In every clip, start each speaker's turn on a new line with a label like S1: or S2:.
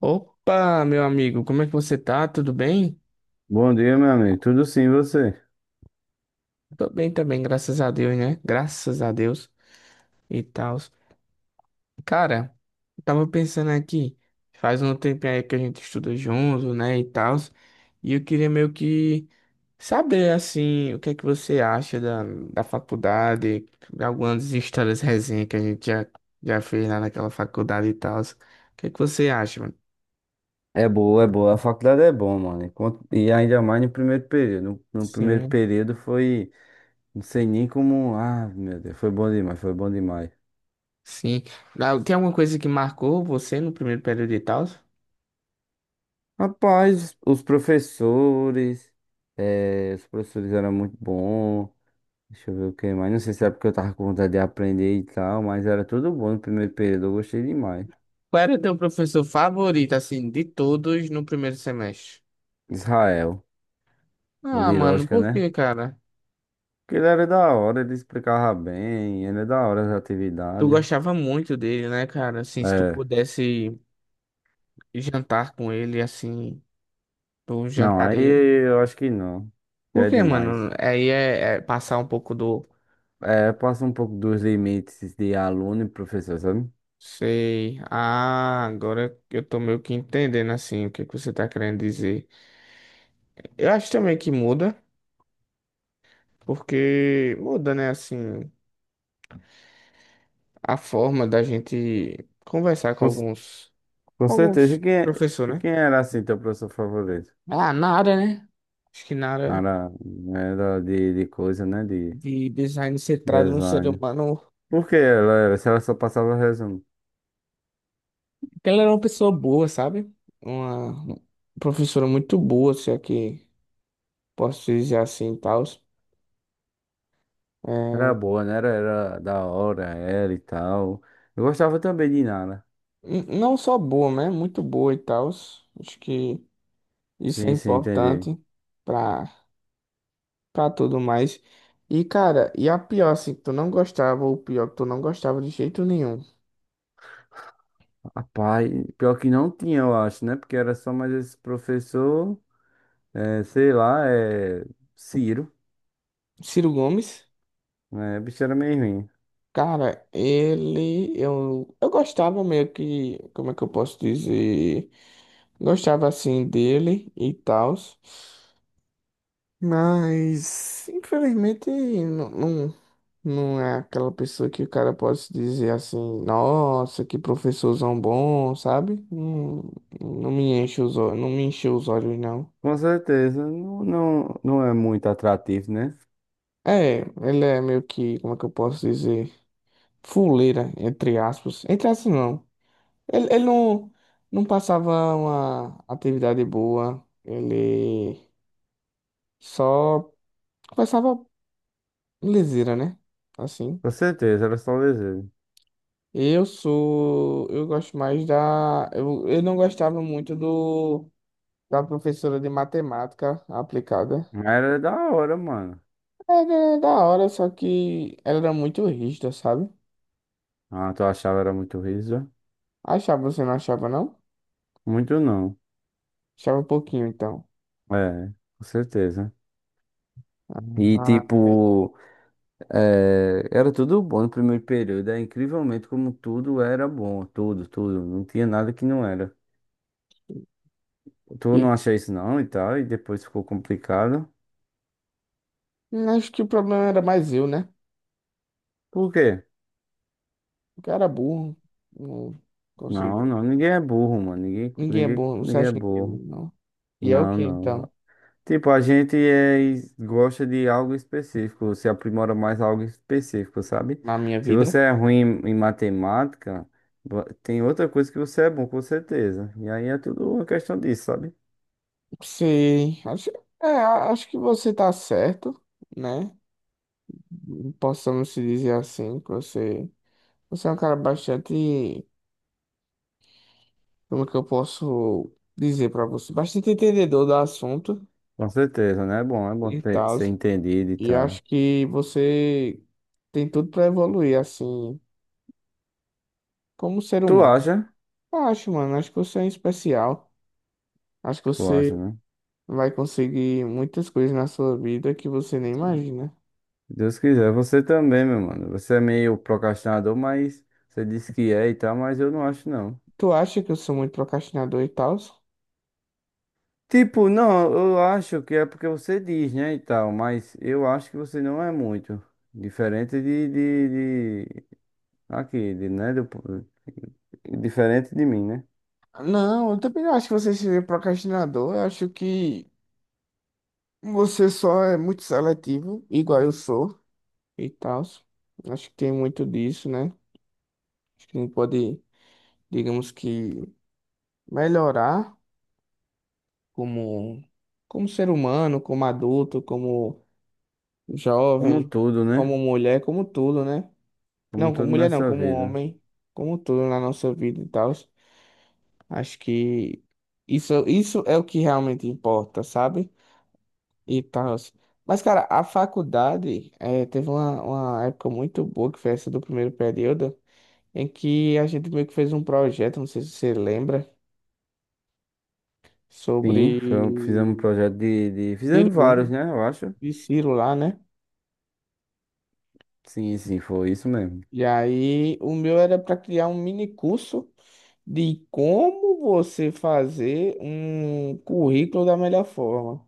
S1: Opa, meu amigo, como é que você tá? Tudo bem?
S2: Bom dia, meu amigo. Tudo sim, e você?
S1: Tô bem também, graças a Deus, né? Graças a Deus e tal. Cara, eu tava pensando aqui, faz um tempinho aí que a gente estuda junto, né, e tal. E eu queria meio que saber, assim, o que é que você acha da faculdade, algumas histórias resenha que a gente já fez lá naquela faculdade e tal. O que é que você acha, mano?
S2: É boa. A faculdade é bom, mano. E ainda mais no primeiro período. No primeiro
S1: Sim,
S2: período foi, não sei nem como. Ah, meu Deus, foi bom demais.
S1: sim. Ah, tem alguma coisa que marcou você no primeiro período e tal?
S2: Rapaz, os professores, os professores eram muito bons. Deixa eu ver o que mais. Não sei se é porque eu tava com vontade de aprender e tal, mas era tudo bom no primeiro período. Eu gostei demais.
S1: Qual era teu professor favorito, assim, de todos no primeiro semestre?
S2: Israel, o
S1: Ah,
S2: de
S1: mano,
S2: lógica,
S1: por
S2: né?
S1: quê, cara?
S2: Porque ele era da hora, ele explicava bem, ele é da hora as
S1: Tu
S2: atividades.
S1: gostava muito dele, né, cara? Assim, se tu
S2: É.
S1: pudesse jantar com ele, assim, tu
S2: Não, aí
S1: jantaria.
S2: eu acho que não. Já
S1: Por
S2: é
S1: quê,
S2: demais.
S1: mano? Aí é passar um pouco do...
S2: É, passa um pouco dos limites de aluno e professor, sabe?
S1: Sei. Ah, agora eu tô meio que entendendo, assim, o que que você tá querendo dizer. Eu acho também que muda, porque muda, né, assim, a forma da gente conversar com
S2: Com, c-
S1: alguns...
S2: com
S1: Com
S2: certeza.
S1: alguns
S2: E
S1: professores, né?
S2: quem era assim teu professor favorito?
S1: Ah, Nara, né? Acho que
S2: Não
S1: Nara
S2: era, não era de coisa, né? De
S1: de design centrado no ser
S2: design.
S1: humano.
S2: Por que ela era? Se ela só passava resumo.
S1: Porque ela era uma pessoa boa, sabe? Uma professora muito boa, se é que posso dizer assim e tal.
S2: Era boa, né? Era da hora, era e tal. Eu gostava também de Nara.
S1: Não só boa, né? Muito boa e tal. Acho que isso é
S2: Sim, sim, entendi.
S1: importante pra, pra tudo mais. E, cara, e a pior, assim, que tu não gostava, ou pior que tu não gostava de jeito nenhum.
S2: Rapaz, pior que não tinha, eu acho, né? Porque era só mais esse professor. É, sei lá, é Ciro,
S1: Ciro Gomes.
S2: né? Bicho era meio ruim.
S1: Cara, eu gostava meio que, como é que eu posso dizer? Gostava assim dele e tal, mas infelizmente não é aquela pessoa que o cara pode se dizer assim, nossa, que professorzão bom, sabe? Não, não me enche os olhos, não me encheu os olhos, não.
S2: Com certeza, não é muito atrativo, né?
S1: É, ele é meio que, como é que eu posso dizer? Fuleira, entre aspas. Entre aspas, não. Ele não passava uma atividade boa, ele só começava leseira, né? Assim.
S2: Com certeza, era só desejo.
S1: Eu sou. Eu gosto mais da. Eu não gostava muito do da professora de matemática aplicada.
S2: Mas era da hora, mano.
S1: Era da hora, só que ela era muito rígida, sabe?
S2: Ah, tu achava era muito riso?
S1: Achava, você não achava, não?
S2: Muito não.
S1: Achava um pouquinho, então.
S2: É, com certeza. E
S1: Ah, é.
S2: tipo, é, era tudo bom no primeiro período. É incrivelmente como tudo era bom. Tudo, tudo. Não tinha nada que não era. Tu
S1: E
S2: não achou isso não e tal, e depois ficou complicado.
S1: acho que o problema era mais eu, né?
S2: Por quê?
S1: O cara é burro. Não
S2: Não,
S1: conseguiu.
S2: não, ninguém é burro, mano. Ninguém,
S1: Ninguém é
S2: ninguém,
S1: burro. Você
S2: ninguém é
S1: acha que ninguém é
S2: burro.
S1: burro, não? E é o
S2: Não,
S1: que, então?
S2: não. Tipo, gosta de algo específico, se aprimora mais algo específico, sabe?
S1: Na minha
S2: Se
S1: vida?
S2: você é ruim em matemática, tem outra coisa que você é bom, com certeza. E aí é tudo uma questão disso, sabe?
S1: Sim. Acho, é, acho que você tá certo, né? Possamos se dizer assim, que você é um cara bastante, como que eu posso dizer pra você? Bastante entendedor do assunto
S2: Com certeza, né? É bom, é bom
S1: e
S2: ter-
S1: tal.
S2: ser entendido e
S1: E
S2: tal.
S1: acho que você tem tudo pra evoluir, assim, como ser
S2: Tu
S1: humano.
S2: acha?
S1: Eu acho, mano. Acho que você é um especial. Acho que
S2: Tu acha,
S1: você
S2: né?
S1: vai conseguir muitas coisas na sua vida que você nem imagina.
S2: Se Deus quiser, você também, meu mano. Você é meio procrastinador, mas você disse que é e tal, mas eu não acho, não.
S1: Tu acha que eu sou muito procrastinador e tal?
S2: Tipo, não, eu acho que é porque você diz, né, e tal, mas eu acho que você não é muito diferente de aqui, de, né, do, diferente de mim, né?
S1: Não, eu também não acho que você seja procrastinador. Eu acho que você só é muito seletivo, igual eu sou e tal. Acho que tem muito disso, né? Acho que a gente pode, digamos que, melhorar como, como ser humano, como adulto, como
S2: Como um
S1: jovem,
S2: todo, né?
S1: como mulher, como tudo, né?
S2: Como um
S1: Não,
S2: todo
S1: como mulher não,
S2: nessa
S1: como
S2: vida.
S1: homem, como tudo na nossa vida e tal. Acho que isso é o que realmente importa, sabe? E tal. Mas, cara, a faculdade teve uma época muito boa, que foi essa do primeiro período, em que a gente meio que fez um projeto, não sei se você lembra, sobre
S2: Sim, foi fizemos um projeto
S1: Ciro
S2: fizemos vários,
S1: Gomes,
S2: né, eu acho.
S1: de Ciro lá, né?
S2: Sim, sim, foi isso mesmo.
S1: E aí o meu era para criar um mini curso de como você fazer um currículo da melhor forma.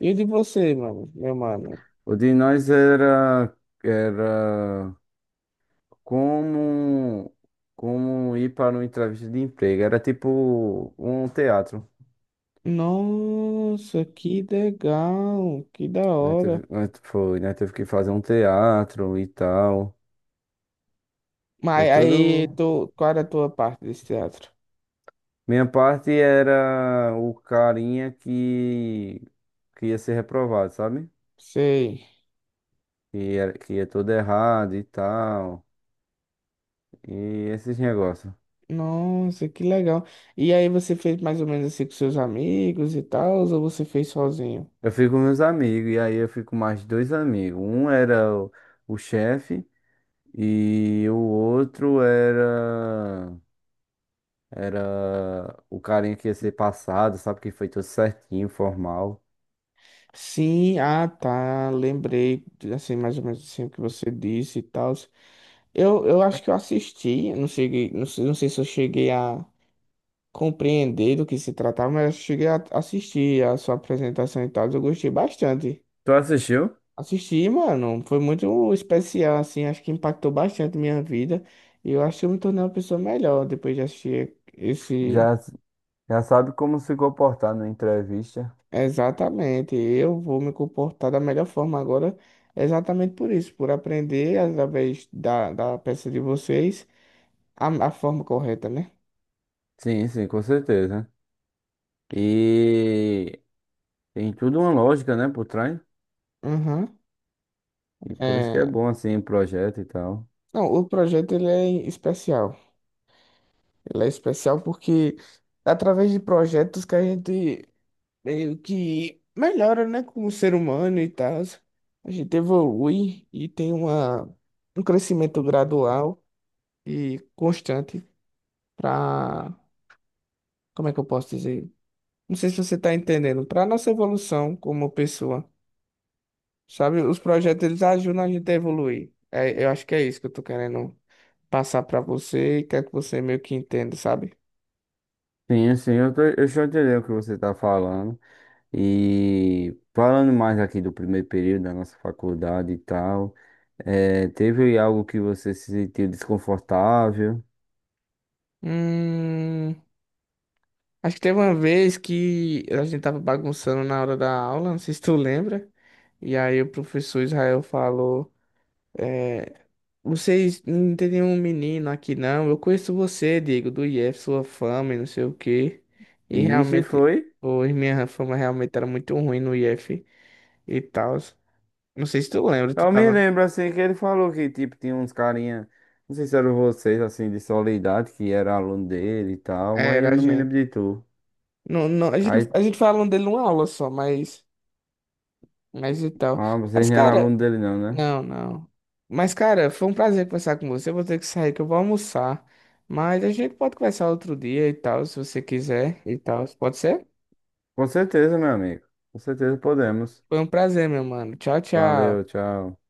S1: E o de você, mano, meu mano?
S2: O de nós era, era como, como ir para uma entrevista de emprego, era tipo um teatro.
S1: Nossa, que legal, que da
S2: Nós
S1: hora.
S2: teve, nós foi, nós teve que fazer um teatro e tal. Foi
S1: Mas aí,
S2: tudo.
S1: tu, qual era a tua parte desse teatro?
S2: Minha parte era o carinha que ia ser reprovado, sabe?
S1: Sei.
S2: Que era, que ia todo errado e tal. E esses negócios.
S1: Nossa, que legal. E aí você fez mais ou menos assim com seus amigos e tal, ou você fez sozinho?
S2: Eu fui com meus amigos, e aí eu fui com mais dois amigos. Um era o chefe e o outro era. Era o carinha que ia ser passado, sabe? Que foi tudo certinho, formal.
S1: Sim, ah tá, lembrei, assim, mais ou menos assim o que você disse e tal. Eu acho que eu assisti, não cheguei, não sei, não sei se eu cheguei a compreender do que se tratava, mas eu cheguei a assistir a sua apresentação e tal, eu gostei bastante.
S2: Tu assistiu?
S1: Assisti, mano. Foi muito especial, assim. Acho que impactou bastante minha vida. E eu acho que eu me tornei uma pessoa melhor depois de assistir esse.
S2: Já, já sabe como se comportar na entrevista.
S1: Exatamente. Eu vou me comportar da melhor forma agora, exatamente por isso, por aprender através da peça de vocês a forma correta, né?
S2: Sim, sim, com certeza. E tem tudo uma lógica, né, por trás.
S1: Uhum.
S2: E por isso que é
S1: É...
S2: bom, assim, projeto e tal.
S1: Não, o projeto ele é especial. Ele é especial porque é através de projetos que a gente meio que melhora, né, como ser humano e tal. A gente evolui e tem uma, um crescimento gradual e constante para, como é que eu posso dizer? Não sei se você está entendendo, para nossa evolução como pessoa, sabe? Os projetos eles ajudam a gente a evoluir. É, eu acho que é isso que eu tô querendo passar para você e quero que você meio que entenda, sabe?
S2: Sim, sim, eu já entendi o que você está falando. E falando mais aqui do primeiro período da nossa faculdade e tal, teve algo que você se sentiu desconfortável?
S1: Hum, acho que teve uma vez que a gente tava bagunçando na hora da aula, não sei se tu lembra. E aí o professor Israel falou, é, vocês não tem nenhum menino aqui não, eu conheço você, Diego, do IF, sua fama e não sei o quê.
S2: E
S1: E
S2: isso
S1: realmente,
S2: foi?
S1: hoje minha fama realmente era muito ruim no IF e tal. Não sei se tu lembra, tu
S2: Eu me
S1: tava...
S2: lembro assim que ele falou que tipo tinha uns carinha, não sei se eram vocês assim de Soledade, que era aluno dele e tal,
S1: É,
S2: mas eu
S1: era a
S2: não me lembro
S1: gente.
S2: de tu.
S1: Não, não,
S2: Aí,
S1: a gente falou dele numa aula só, mas... Mas e tal.
S2: ah, vocês
S1: Mas,
S2: não eram
S1: cara,
S2: aluno dele não, né?
S1: não, não. Mas, cara, foi um prazer conversar com você. Eu vou ter que sair, que eu vou almoçar. Mas a gente pode conversar outro dia e tal, se você quiser e tal. Pode ser?
S2: Com certeza, meu amigo. Com certeza podemos.
S1: Foi um prazer, meu mano. Tchau, tchau.
S2: Valeu, tchau.